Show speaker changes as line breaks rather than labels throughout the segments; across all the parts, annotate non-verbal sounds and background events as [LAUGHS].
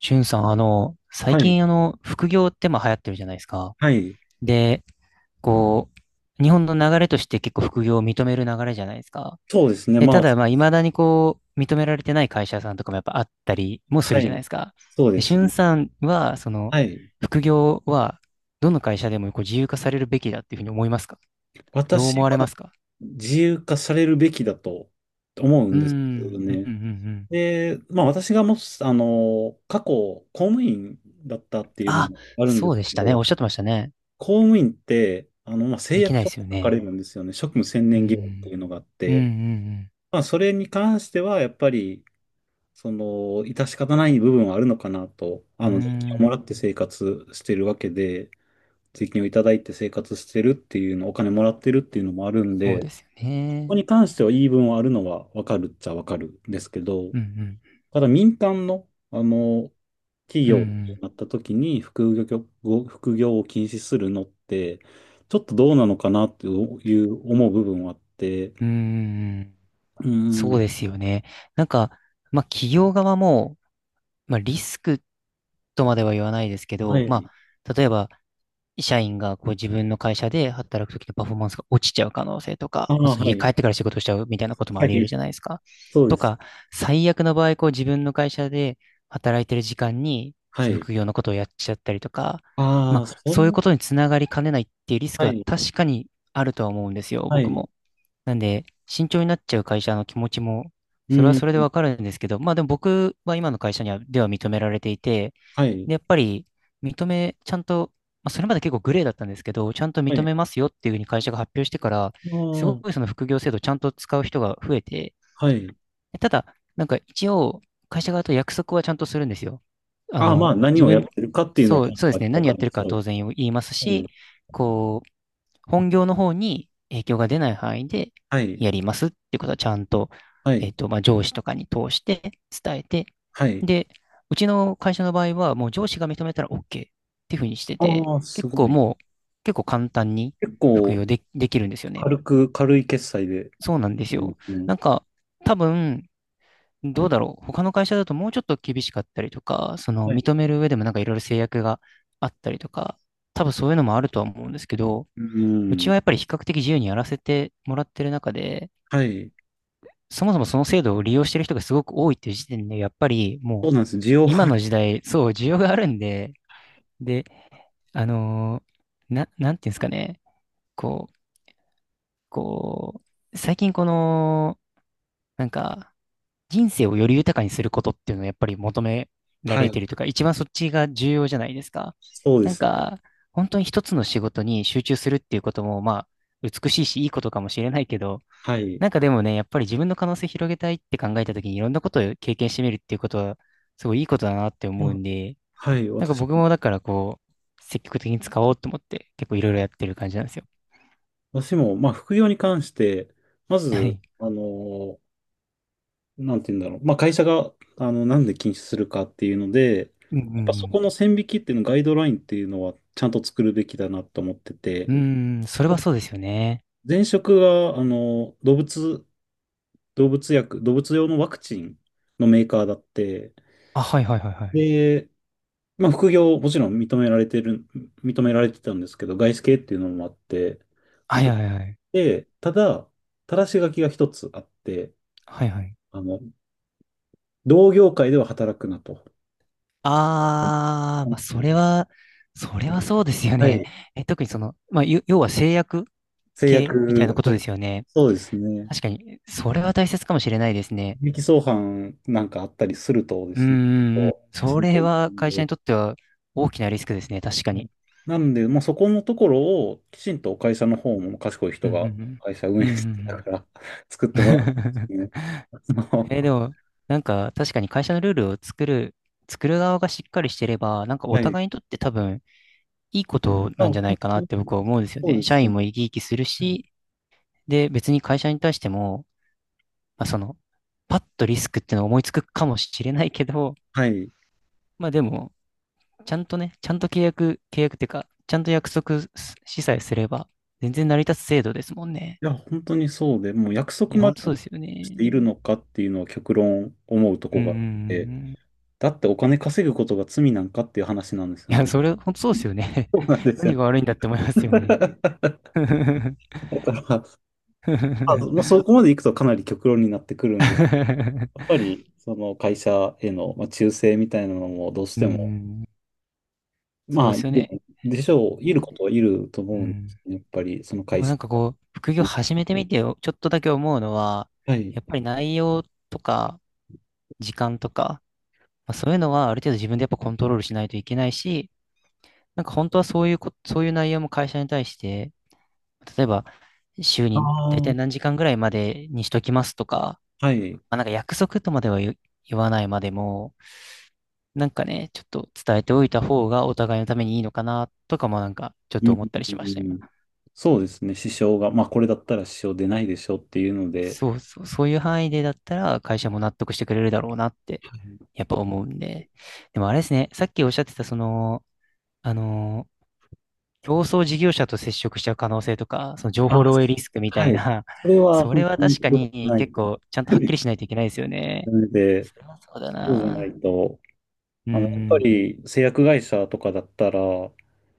しゅんさん、最
はい。
近、副業ってまあ流行ってるじゃないですか。
はい。
で、こ日本の流れとして結構副業を認める流れじゃないですか。
そうですね。
で、ただ、まあ、未だに認められてない会社さんとかもやっぱあったりもす
は
るじゃないで
い。
すか。
そうで
で、しゅ
す
ん
ね。
さんは、
はい。
副業は、どの会社でも自由化されるべきだっていうふうに思いますか？どう
私
思
は
われますか？
自由化されるべきだと思う
う
ん
ー
ですよ
ん、うん、
ね。
うん、うん。
で、まあ私がもし、過去公務員だったっていうの
あ、
もあるん
そ
で
うで
す
し
け
たね。お
ど、
っしゃってましたね。
公務員って、まあ誓
でき
約
ないで
書
す
が
よ
書かれ
ね。
るんですよね。職務専
う
念義務っていう
ん、
のがあっ
うん、う
て、
ん、
まあそれに関してはやっぱり、致し方ない部分はあるのかなと、
う
税金を
ん。
もらっ
ー
て生活してるわけで、税金をいただいて生活してるっていうの、お金もらってるっていうのもあるん
そう
で、
で
こ
すよ
こ
ね。
に関しては言い分はあるのはわかるっちゃわかるんですけど、
うんうん。
ただ民間の、企
う
業に
ん
なった時に副業、副業を禁止するのって、ちょっとどうなのかなっていう思う部分はあって、
うん。うーん。
うー
そ
ん、
うですよね。なんか、まあ企業側も、まあリスクとまでは言わないですけ
は
ど、ま
い。
あ例えば社員がこう自分の会社で働くときのパフォーマンスが落ちちゃう可能性と
あ
か、まあ
あ、
その
は
家帰
い。
ってから仕事しちゃうみたいなことも
は
あり得る
い、
じゃないですか。
そうで
と
す。
か、最悪の場合、こう自分の会社で働いてる時間に、
は
その
い。
副業のことをやっちゃったりとか、ま
ああ、
あ
それ、
そういうことにつながりかねないっていうリス
は
クは
い、
確かにあるとは思うんですよ、
は
僕
い。
も。なんで、慎重になっちゃう会社の気持ちも、
う
それは
ん、
それでわかるんですけど、まあでも僕は今の会社には、では認められていて、
はい、
で、やっぱりちゃんと、まあ、それまで結構グレーだったんですけど、ちゃんと
は
認
い。
めますよっていうふうに会社が発表してから、
あ
すご
あ、
いその副業制度をちゃんと使う人が増えて、
はい。
でただ、なんか一応、会社側と約束はちゃんとするんですよ。あ
ああ、ま
の、
あ、何をやってるかっていうのは
そ
ち
う、
ゃんと
そうですね、
明ら
何
か
やって
に
るか
し
は
ろ。
当然言います
う
し、
ん、
こう、本業の方に影響が出ない範囲で
はい、
やりますっていうことはちゃんと、
はい、
まあ、上司とかに通して伝えて、
はい。
で、うちの会社の場合は、もう上司が認めたら OK っていうふうにしてて、
ああ、す
結
ご
構
い。
もう、結構簡単に
結
服
構、
用で、できるんですよね。
軽く、軽い決済でや
そうなんです
りま
よ。
すね。
なんか、多分、どうだろう。他の会社だともうちょっと厳しかったりとか、その
はい。
認める上でもなんかいろいろ制約があったりとか、多分そういうのもあるとは思うんですけど、
う
うち
ん。
はやっぱり比較的自由にやらせてもらってる中で、
はい。
そもそもその制度を利用してる人がすごく多いっていう時点で、やっぱりも
そうな
う
んです。需要
今の
は、
時代、そう、需要があるんで、で、あのなんていうんですかね、こう、こ最近この、なんか、人生をより豊かにすることっていうのをやっぱり求めら
は
れ
い。
てるというか、一番そっちが重要じゃないですか。
そうで
なん
すね。
か、本当に一つの仕事に集中するっていうことも、まあ、美しいし、いいことかもしれないけど、
はい。
なんかでもね、やっぱり自分の可能性広げたいって考えた時にいろんなことを経験してみるっていうことは、すごいいいことだなって
ま
思う
あ、
んで、
はい。
なんか
私
僕
も、
もだから積極的に使おうと思って結構いろいろやってる感じなんですよ。
私も、まあ、副業に関して、ま
は
ず、
い。
なんて言うんだろう。まあ、会社が、なんで禁止するかっていうので、
うんう
やっぱそこ
ん
の線引きっていうの、ガイドラインっていうのは、ちゃんと作るべきだなと思って
う
て、
ん。うーん、それはそうですよね。
前職が、あの、動物用のワクチンのメーカーだって、
あ、はいはいはいはい。
で、まあ、副業、もちろん認められてる、認められてたんですけど、外資系っていうのもあって、
はい
認め
はいはい。
て、ただ、ただし書きが一つあって、
はいはい。
あの、同業界では働くなと。
あー、まあそれはそうですよね。え、特にその、まあ、要は制約
制
系みたいな
約、
こと
は
で
い、
すよね。
そうですね。
確かに、それは大切かもしれないですね。
利益相反なんかあったりするとで
うん
すね、ちょっ
うんうん。
とし
そ
んど
れ
い。
は会社にとっては大きなリスクですね、確か
は
に。
い。なんで、もうそこのところをきちんと会社の方も賢い
う
人が
ん
会社運
うんうん。う
営
んう
してた
ん
から [LAUGHS] 作っ
うん。
てもらうん
[LAUGHS]
ですね。
で
[LAUGHS]
も、なんか確かに会社のルールを作る側がしっかりしてれば、なんかお
はい。
互いにとって多分いいこと
あ、
なんじゃ
本
ないかな
当
っ
に
て僕は思うんですよ
そう
ね。
で
社
すね。
員も生き生きするし、で、別に会社に対しても、まあ、その、パッとリスクっていうのを思いつくかもしれないけど、
はい。い
まあでも、ちゃんとね、ちゃんと契約、契約ってか、ちゃんと約束しさえすれば、全然成り立つ制度ですもんね。
や、本当にそうで、もう約
い
束
や、ほ
ま
んとそう
で
ですよ
して
ね。
いるのかっていうのは極論思うと
う
こ
んうんう
が
んう
あって、
ん。
だってお金稼ぐことが罪なんかっていう話なんです
い
よ
や、
ね。
それ、ほんとそうですよね。
そうなん
[LAUGHS]
ですよ
何
ね。
が悪いんだって思いますよね。
[LAUGHS] だから、まあ、も
[LAUGHS]
うそこまで行くとかなり極論になってくるんです。やっぱり、その会社への、まあ、忠誠みたいなのもどうし
う
ても、
ん、そ
ま
う
あ、
で
い
すよ
る
ね。
でしょう、いる
な
ことはいると
う
思うんです
ん。
ね。やっぱり、その
で
会
も
社
なんかこう、副業
に。
始めてみてよ、ちょっとだけ思うのは、
はい。
やっぱり内容とか、時間とか、まあ、そういうのはある程度自分でやっぱコントロールしないといけないし、なんか本当はそういうこ、そういう内容も会社に対して、例えば週
あ
に大体
あ、
何時間ぐらいまでにしときますとか、
はい。うん、
まあ、なんか約束とまでは言わないまでも、なんかね、ちょっと伝えておいた方がお互いのためにいいのかなとかもなんかちょっ
う
と
ん、
思ったり
う
しました、
ん、う
今。
ん、そうですね、支障が、まあ、これだったら支障出ないでしょっていうので、
そうそう、そういう範囲でだったら会社も納得してくれるだろうなって、
はい、
や
で
っぱ
き
思うんで。でもあれですね、さっきおっしゃってたその、あの競争事業者と接触しちゃう可能性とか、その情報
ま
漏洩
す。
リスクみ
あ、
た
は
い
い。
な、
そ
[LAUGHS]
れは
そ
本
れは
当に
確か
良く
に
ない
結構
と。
ちゃんとはっきり
[LAUGHS]
しないといけないですよね。
なので、
それはそうだ
そうじゃな
な。
いと、
う
やっぱ
ん。
り製薬会社とかだったら、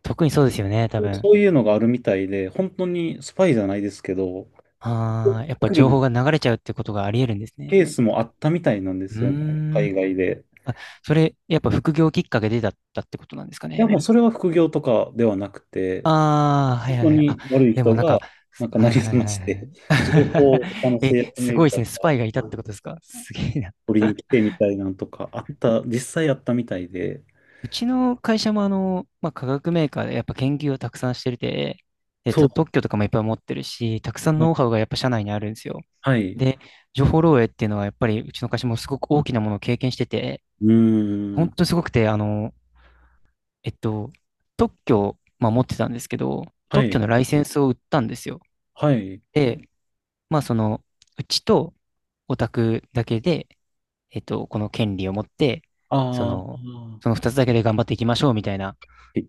特にそうですよね、多分。
そういうのがあるみたいで、本当にスパイじゃないですけど、
ああ、やっぱ
来
情報
る
が流れちゃうってことがあり得るんですね。
ケースもあったみたいなんで
う
すよね、
ーん。
海外で。
あ、それ、やっぱ副業きっかけでだったってことなんですか
で
ね。
もそれは副業とかではなくて、
ああ、は
本
いはい
当
はい。あ、
に悪い
で
人
もなん
が、
か、
なんかな
はい
り
は
す
い
ま
はい
し
は
て、
い。
情報を他の
[LAUGHS] え、
製薬
す
メー
ごいで
カー
すね。ス
に
パイがいたってことですか？すげえ。
取りに来てみたいなんとかあった、実際あったみたいで、
うちの会社もまあ、化学メーカーでやっぱ研究をたくさんしてるて、で、
そうで
特
す
許とかもいっぱい持ってるし、たくさん
ね。
ノウハウがやっぱ社内にあるんですよ。
はい。
で、情報漏洩っていうのはやっぱりうちの会社もすごく大きなものを経験してて、
うー
本
ん。
当にすごくて、えっと、特許を、まあ、持ってたんですけど、
は
特
い。
許のライセンスを売ったんですよ。
はい。
で、まあその、うちとオタクだけで、この権利を持って、そ
あ
の、
あ。
その二つだけで頑張っていきましょうみたいな、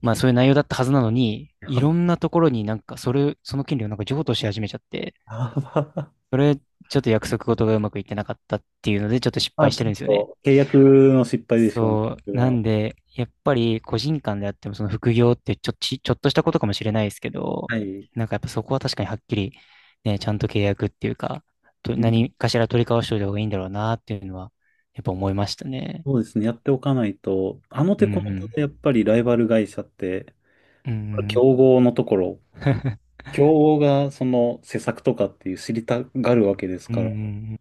まあそういう内容だったはずなのに、
や
いろ
ば。
んなところになんかその権利をなんか譲渡し始めちゃって、
やば。
それ、ちょっと約束事がうまくいってなかったっていうので、ちょっと失
[LAUGHS] あ、
敗
ち
して
ょ
るんです
っ
よね。
と契約の失敗でしょうね。
そ
これ
う。な
は、
んで、やっぱり個人間であっても、その副業ってちょっとしたことかもしれないですけど、
はい。
なんかやっぱそこは確かにはっきり、ね、ちゃんと契約っていうか、
うん、
何かしら取り交わしておいた方がいいんだろうなっていうのは、やっぱ思いましたね。
そうですね。やっておかないと、あの
う
手
んう
この手
ん。
でやっぱりライバル会社って、
うんう
競
ん。
合のところ、
[LAUGHS]
競合がその施策とかっていう知りたがるわけです
うんう
から、
んうん。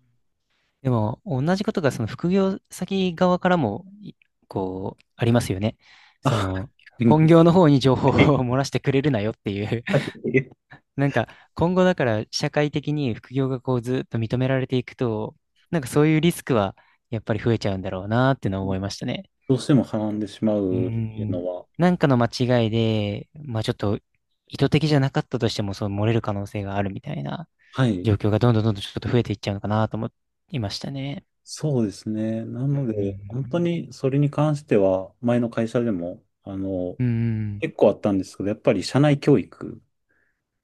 でも、同じことがその副業先側からも、こう、ありますよね。そ
あ、
の、
逆
本
に、
業の方に情報を
はい、
[LAUGHS] 漏らしてくれるなよっていう
はい、
[LAUGHS] なんか、今後だから社会的に副業がこうずっと認められていくと、なんかそういうリスクはやっぱり増えちゃうんだろうなっていうのは思いましたね。
どうしてもはらんでしま
う
うっていうの
ん。
は、
なんかの間違いで、まあちょっと意図的じゃなかったとしても、そう漏れる可能性があるみたいな。
はい。
状況がどんどんどんどんちょっと増えていっちゃうのかなと思いましたね。
そうですね。な
うん
の
う
で、本当
ん
にそれに関しては、前の会社でも、
うん。うんうん。
結構あったんですけど、やっぱり社内教育、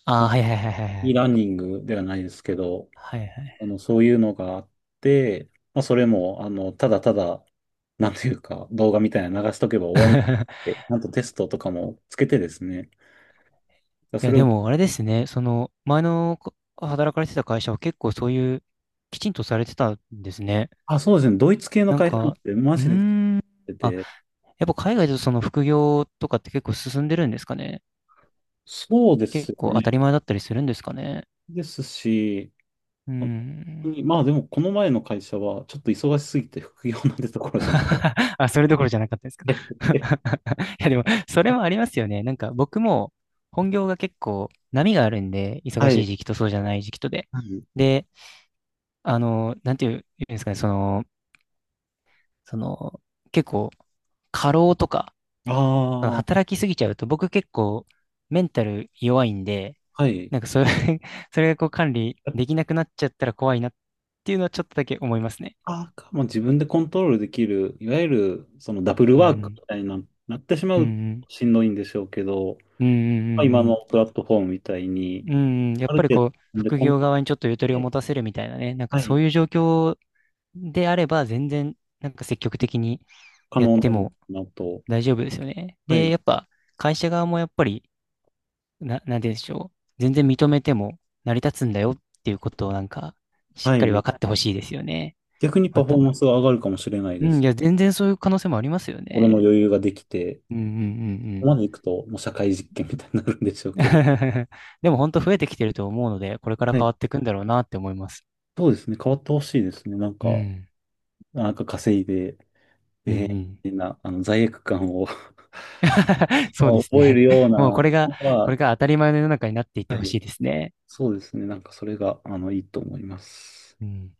あ
ま
あ、
あ
はいはいはいはいは
e
い。
ラーニングではないですけど、
はいはい。
そういうのがあって、まあ、それも、あの、ただただ、なんていうか、動画みたいなの流しとけば終わりって、
[LAUGHS]
ちゃんとテストとかもつけてですね。だから
い
そ
や、
れ
で
を、
もあれですね、その、前の働かれてた会社は結構そういう、きちんとされてたんですね。
あ、そうですね。ドイツ系の
なん
会社なん
か、
て、
う
マジで
ーん。
出て
あ、
て、
やっぱ海外だとその副業とかって結構進んでるんですかね。
そうです
結
よ
構当
ね。
たり前だったりするんですかね。
ですし、
う
本当
ん。
にまあでも、この前の会社は、ちょっと忙しすぎて副業なんてところじゃなくて。
[LAUGHS] あ、それどころじゃなかったですか。
[LAUGHS]
[LAUGHS] いや、でも、それもありますよね。なんか、僕も、本業が結構、波があるんで、忙
は
しい
い。
時期とそうじゃない時期とで。
はい。
で、なんていうんですかね、その、結構、過労とか、
ああ、
働きすぎちゃうと、僕結構、メンタル弱いんで、
はい。
なんか、それ [LAUGHS] それがこう、管理できなくなっちゃったら怖いなっていうのは、ちょっとだけ思いますね。
あーか、も自分でコントロールできる、いわゆるそのダブル
う
ワーク
ん。
みたいな、なってしま
うんう
うと
ん。
しんどいんでしょうけど、
うんうんう
まあ、
ん
今
うん。
のプラットフォームみたいに、
うん、やっ
ある
ぱり
程度自分で
副
コン
業
トロ
側にちょっとゆとり
ー
を
ルで、
持たせるみたいなね、なんか
は
そ
い、
ういう状況であれば、全然、なんか積極的に
可
やっ
能
て
なんだ
も
なと、
大丈夫ですよね。
は
で、
い、
やっぱ、会社側もやっぱり、なんて言うんでしょう。全然認めても成り立つんだよっていうことをなんか、しっ
は
かり
い、
分かってほしいですよね。
逆にパ
ま
フォー
た。
マンスが上がるかもしれない
う
で
ん、
す。
いや、全然そういう可能性もありますよ
俺の
ね。
余裕ができて、
うんうんうんう
ここ
ん。
までいくともう社会実験みたいになるんでしょうけど、
[LAUGHS] でも本当増えてきてると思うので、これから
は
変
い、
わっていくんだろうなって思います。
そうですね、変わってほしいですね。なん
う
か、
ん。
なんか稼いで、
うんう
えー、み
ん。
たいな、あの罪悪感を [LAUGHS]
そうです
覚え
ね。
るよう
[LAUGHS] もう
な、
これが、こ
が、
れが当たり前の世の中になっていって
は
ほ
い。
しいですね。
そうですね。なんかそれが、いいと思います。
うん。